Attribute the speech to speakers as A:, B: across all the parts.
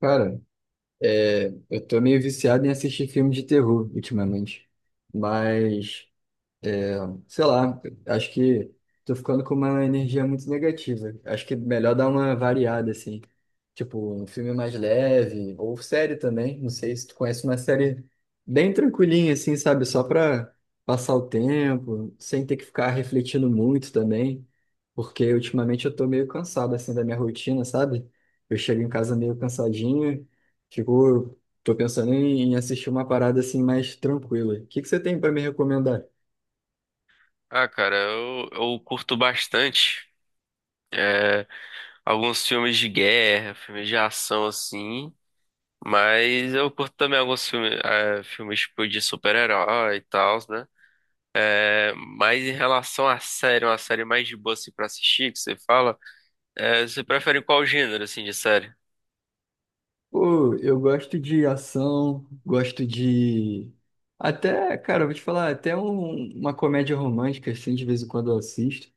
A: Cara, eu tô meio viciado em assistir filme de terror ultimamente. Mas sei lá, acho que tô ficando com uma energia muito negativa. Acho que é melhor dar uma variada, assim. Tipo, um filme mais leve, ou série também. Não sei se tu conhece uma série bem tranquilinha, assim, sabe? Só pra passar o tempo, sem ter que ficar refletindo muito também. Porque ultimamente eu tô meio cansado, assim, da minha rotina, sabe? Eu chego em casa meio cansadinho, fico. Tô pensando em assistir uma parada assim mais tranquila. O que que você tem pra me recomendar?
B: Ah, cara, eu curto bastante é, alguns filmes de guerra, filmes de ação assim, mas eu curto também alguns filmes tipo de super-herói e tal, né? É, mas em relação à série, uma série mais de boa assim pra assistir, que você fala, você prefere qual gênero assim de série?
A: Pô, eu gosto de ação, gosto de. Até, cara, eu vou te falar, até uma comédia romântica, assim, de vez em quando eu assisto.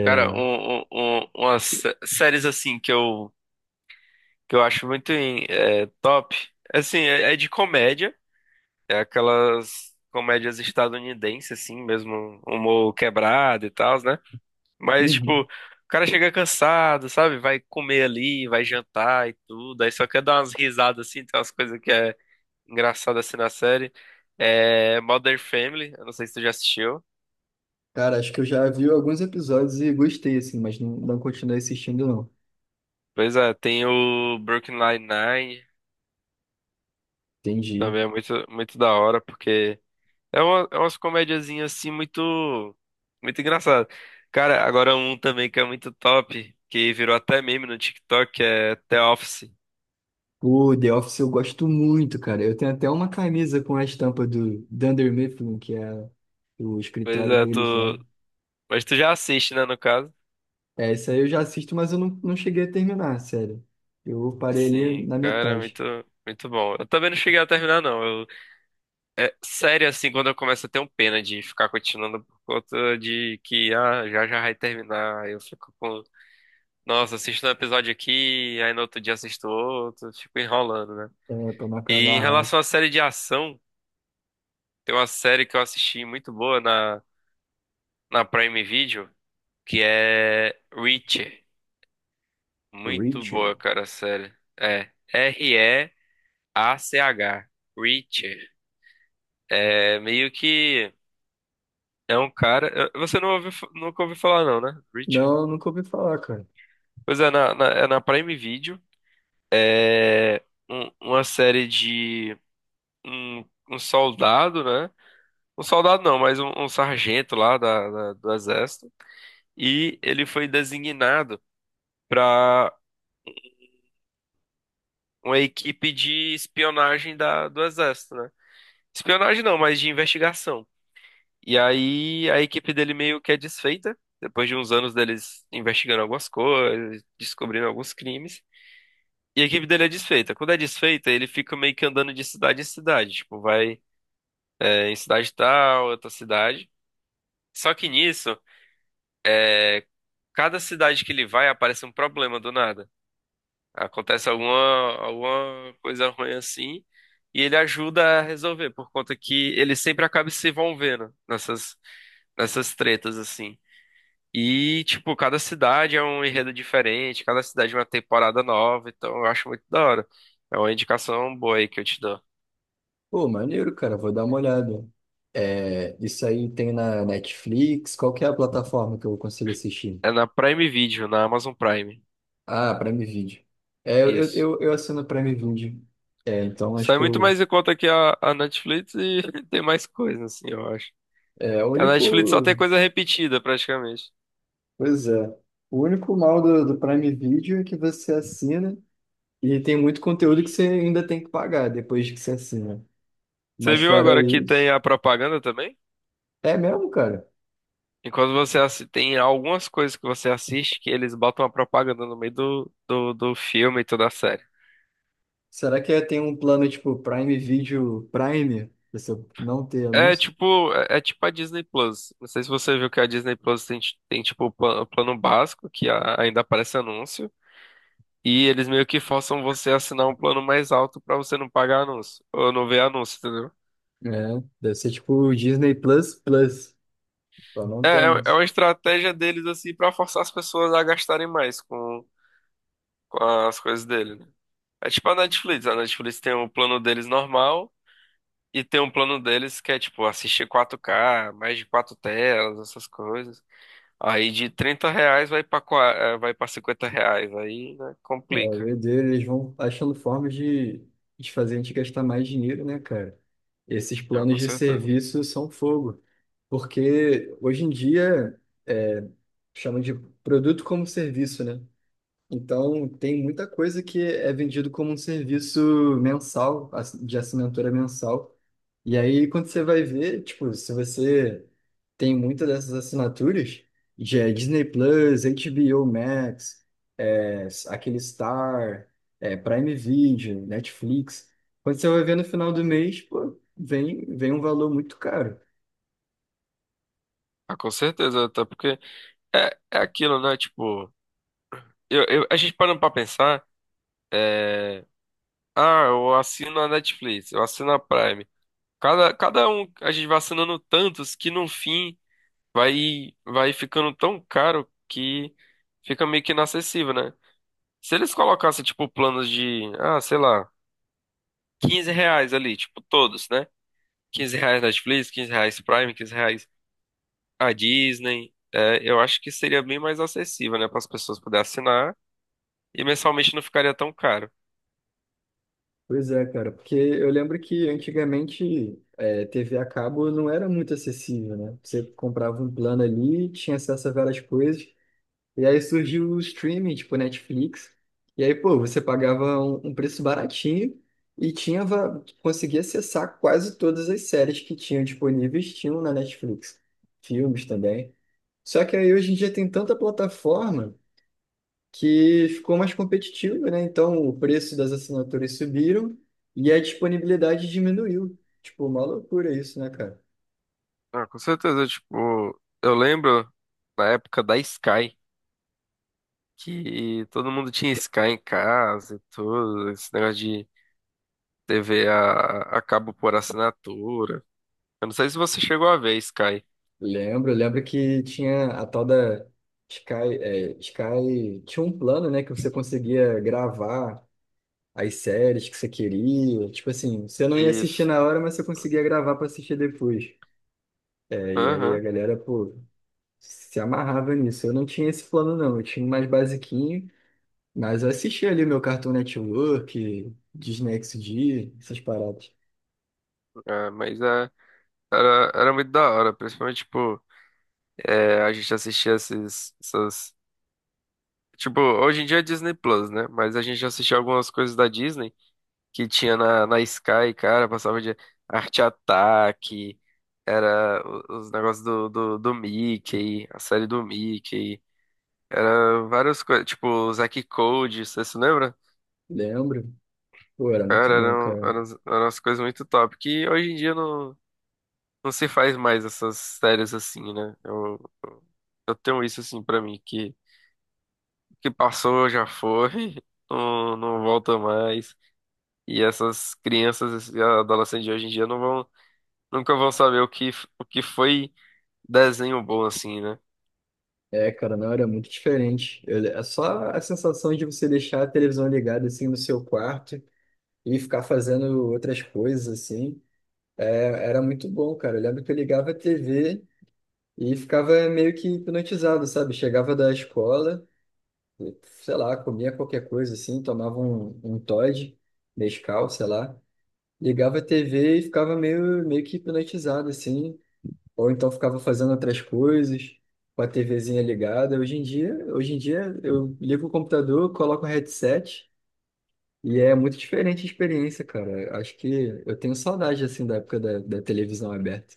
B: Cara, umas séries assim que eu acho muito top, assim, é de comédia. É aquelas comédias estadunidenses, assim, mesmo humor quebrado e tal, né? Mas, tipo, o
A: Uhum.
B: cara chega cansado, sabe? Vai comer ali, vai jantar e tudo, aí só quer dar umas risadas, assim, tem umas coisas que é engraçada, assim, na série. É Modern Family, eu não sei se tu já assistiu.
A: Cara, acho que eu já vi alguns episódios e gostei, assim, mas não continuei assistindo, não.
B: Pois é, tem o Brooklyn Nine-Nine,
A: Entendi.
B: também é muito, muito da hora, porque... É, umas comediazinhas assim muito, muito engraçado. Cara, agora um também que é muito top, que virou até meme no TikTok, que é The Office.
A: O The Office eu gosto muito, cara. Eu tenho até uma camisa com a estampa do Dunder Mifflin, que é o
B: Pois
A: escritório
B: é,
A: deles lá.
B: tu. Mas tu já assiste, né, no caso?
A: É, isso aí eu já assisto, mas eu não cheguei a terminar, sério. Eu parei ali
B: Sim,
A: na
B: cara,
A: metade.
B: muito, muito bom. Eu também não cheguei a terminar, não. É sério, assim, quando eu começo a ter um pena de ficar continuando por conta de que, já já vai terminar. Eu fico com. Nossa, assisto um episódio aqui, aí no outro dia assisto outro, fico enrolando, né?
A: É, pra marcar a
B: E em
A: barra.
B: relação à série de ação. Tem uma série que eu assisti muito boa na Prime Video, que é Reacher. Muito boa,
A: Richard.
B: cara, a série. É R-E-A-C-H. Reacher. É meio que é um cara. Você não ouviu, nunca ouviu falar, não, né? Reacher.
A: Não, nunca ouvi falar, cara.
B: Pois é, na Prime Video. É uma série de um soldado, né? Um soldado não, mas um sargento lá do exército. E ele foi designado para uma equipe de espionagem da, do exército, né? Espionagem não, mas de investigação. E aí a equipe dele meio que é desfeita, depois de uns anos deles investigando algumas coisas, descobrindo alguns crimes. E a equipe dele é desfeita. Quando é desfeita, ele fica meio que andando de cidade em cidade. Tipo, vai em cidade tal, outra cidade. Só que nisso, cada cidade que ele vai aparece um problema do nada. Acontece alguma coisa ruim assim, e ele ajuda a resolver, por conta que ele sempre acaba se envolvendo nessas tretas, assim. E, tipo, cada cidade é um enredo diferente, cada cidade é uma temporada nova, então eu acho muito da hora. É uma indicação boa aí que eu te dou.
A: Pô, maneiro, cara. Vou dar uma olhada. É, isso aí tem na Netflix? Qual que é a plataforma que eu consigo assistir?
B: É na Prime Video, na Amazon Prime.
A: Ah, Prime Video. É,
B: Isso.
A: eu assino Prime Video. É, então acho
B: Sai
A: que
B: muito
A: eu,
B: mais em conta que a Netflix e tem mais coisa, assim, eu acho.
A: é o
B: Que a Netflix só tem
A: único.
B: coisa repetida, praticamente.
A: Pois é. O único mal do Prime Video é que você assina e tem muito conteúdo que você ainda tem que pagar depois que você assina.
B: Você
A: Mas
B: viu
A: fora
B: agora que tem
A: isso.
B: a propaganda também?
A: É mesmo, cara?
B: Enquanto você tem algumas coisas que você assiste que eles botam a propaganda no meio do filme e toda a série.
A: Será que tem um plano tipo Prime Video Prime? Pra você não ter
B: É
A: anúncio?
B: tipo, é, é tipo a Disney Plus. Não sei se você viu que a Disney Plus tem tipo o plano básico, que ainda aparece anúncio, e eles meio que forçam você a assinar um plano mais alto pra você não pagar anúncio, ou não ver anúncio, entendeu?
A: É, deve ser tipo o Disney Plus Plus, pra não
B: É,
A: ter
B: é é
A: anúncio.
B: uma estratégia deles assim pra forçar as pessoas a gastarem mais com as coisas dele, né? É tipo a Netflix. A Netflix tem um plano deles normal e tem um plano deles que é tipo assistir 4K, mais de quatro telas, essas coisas. Aí de 30 reais vai pra 50 reais. Aí, né,
A: É, o
B: complica.
A: doideira, eles vão achando formas de fazer a gente gastar mais dinheiro, né, cara? Esses
B: Ah,
A: planos
B: com
A: de
B: certeza.
A: serviço são fogo. Porque hoje em dia é, chamam de produto como serviço, né? Então tem muita coisa que é vendido como um serviço mensal, de assinatura mensal. E aí, quando você vai ver, tipo, se você tem muitas dessas assinaturas, já é Disney Plus, HBO Max, é, aquele Star, é, Prime Video, Netflix, quando você vai ver no final do mês, pô, vem um valor muito caro.
B: Ah, com certeza, até porque é aquilo, né? Tipo, a gente parando pra pensar, é, eu assino a Netflix, eu assino a Prime. Cada um, a gente vai assinando tantos que no fim. Vai ficando tão caro que fica meio que inacessível, né? Se eles colocassem, tipo, planos de, sei lá, 15 reais ali, tipo, todos, né? 15 reais Netflix, quinze reais Prime, 15 reais a Disney, eu acho que seria bem mais acessível, né, para as pessoas poderem assinar e mensalmente não ficaria tão caro.
A: Pois é, cara, porque eu lembro que antigamente é, TV a cabo não era muito acessível, né? Você comprava um plano ali, tinha acesso a várias coisas. E aí surgiu o streaming, tipo Netflix. E aí, pô, você pagava um preço baratinho e tinha, conseguia acessar quase todas as séries que tinham disponíveis, tinham na Netflix. Filmes também. Só que aí hoje em dia tem tanta plataforma que ficou mais competitivo, né? Então o preço das assinaturas subiram e a disponibilidade diminuiu. Tipo, uma loucura isso, né, cara?
B: Ah, com certeza, tipo, eu lembro na época da Sky, que todo mundo tinha Sky em casa e tudo, esse negócio TV a cabo por assinatura. Eu não sei se você chegou a ver, Sky.
A: Lembro que tinha a tal da Sky, é, Sky, tinha um plano, né, que você conseguia gravar as séries que você queria, tipo assim, você não ia assistir
B: Isso.
A: na hora, mas você conseguia gravar para assistir depois. É, e aí a
B: Aham.
A: galera, pô, se amarrava nisso. Eu não tinha esse plano não, eu tinha um mais basiquinho, mas eu assistia ali meu Cartoon Network, Disney XD, essas paradas.
B: É, mas era muito da hora, principalmente, tipo, a gente assistia esses, essas... Tipo, hoje em dia é Disney Plus, né? Mas a gente assistia algumas coisas da Disney que tinha na Sky, cara, passava de Arte Ataque, era os negócios do Mickey, a série do Mickey, várias coisas, tipo, o Zack Code, você se lembra?
A: Lembro. Pô, era muito
B: Cara,
A: bom,
B: eram,
A: cara.
B: eram, as- eram as coisas muito top. Que hoje em dia não se faz mais essas séries assim, né? Eu tenho isso assim pra mim, que o que passou já foi, não volta mais. E essas crianças e adolescentes de hoje em dia não vão, nunca vão saber o que, o que foi desenho bom assim, né?
A: É, cara, não, era muito diferente. Eu- É só a sensação de você deixar a televisão ligada assim no seu quarto e ficar fazendo outras coisas assim. É, era muito bom, cara. Eu lembro que eu ligava a TV e ficava meio que hipnotizado, sabe? Chegava da escola, sei lá, comia qualquer coisa assim, tomava um Toddy, Nescau, sei lá. Ligava a TV e ficava meio que hipnotizado assim. Ou então ficava fazendo outras coisas, com a TVzinha ligada. Hoje em dia eu ligo o computador, coloco o headset e é muito diferente a experiência, cara. Acho que eu tenho saudade assim da época da televisão aberta.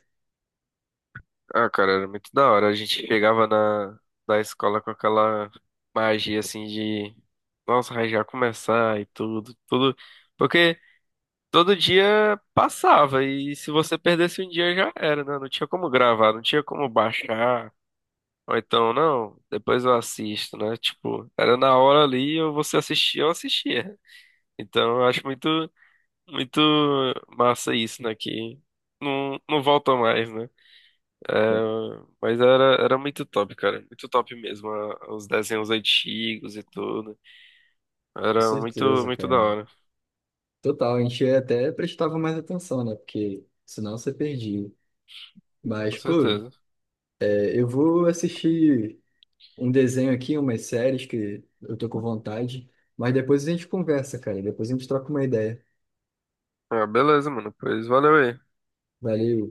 B: Ah, cara, era muito da hora. A gente chegava na, da escola com aquela magia assim de, nossa, vai já começar e tudo, tudo. Porque todo dia passava, e se você perdesse um dia já era, né? Não tinha como gravar, não tinha como baixar. Ou então, não, depois eu assisto, né? Tipo, era na hora ali, ou você assistia, eu assistia. Então, eu acho muito, muito massa isso, né? Que não volta mais, né? É,
A: Com
B: mas era muito top, cara. Muito top mesmo, os desenhos antigos e tudo.
A: com
B: Era muito,
A: certeza,
B: muito da
A: cara.
B: hora,
A: Total, a gente até prestava mais atenção, né? Porque senão você perdia.
B: com
A: Mas, pô,
B: certeza.
A: é, eu vou assistir um desenho aqui, umas séries que eu tô com vontade. Mas depois a gente conversa, cara. Depois a gente troca uma ideia.
B: Ah, beleza, mano. Pois valeu aí.
A: Valeu.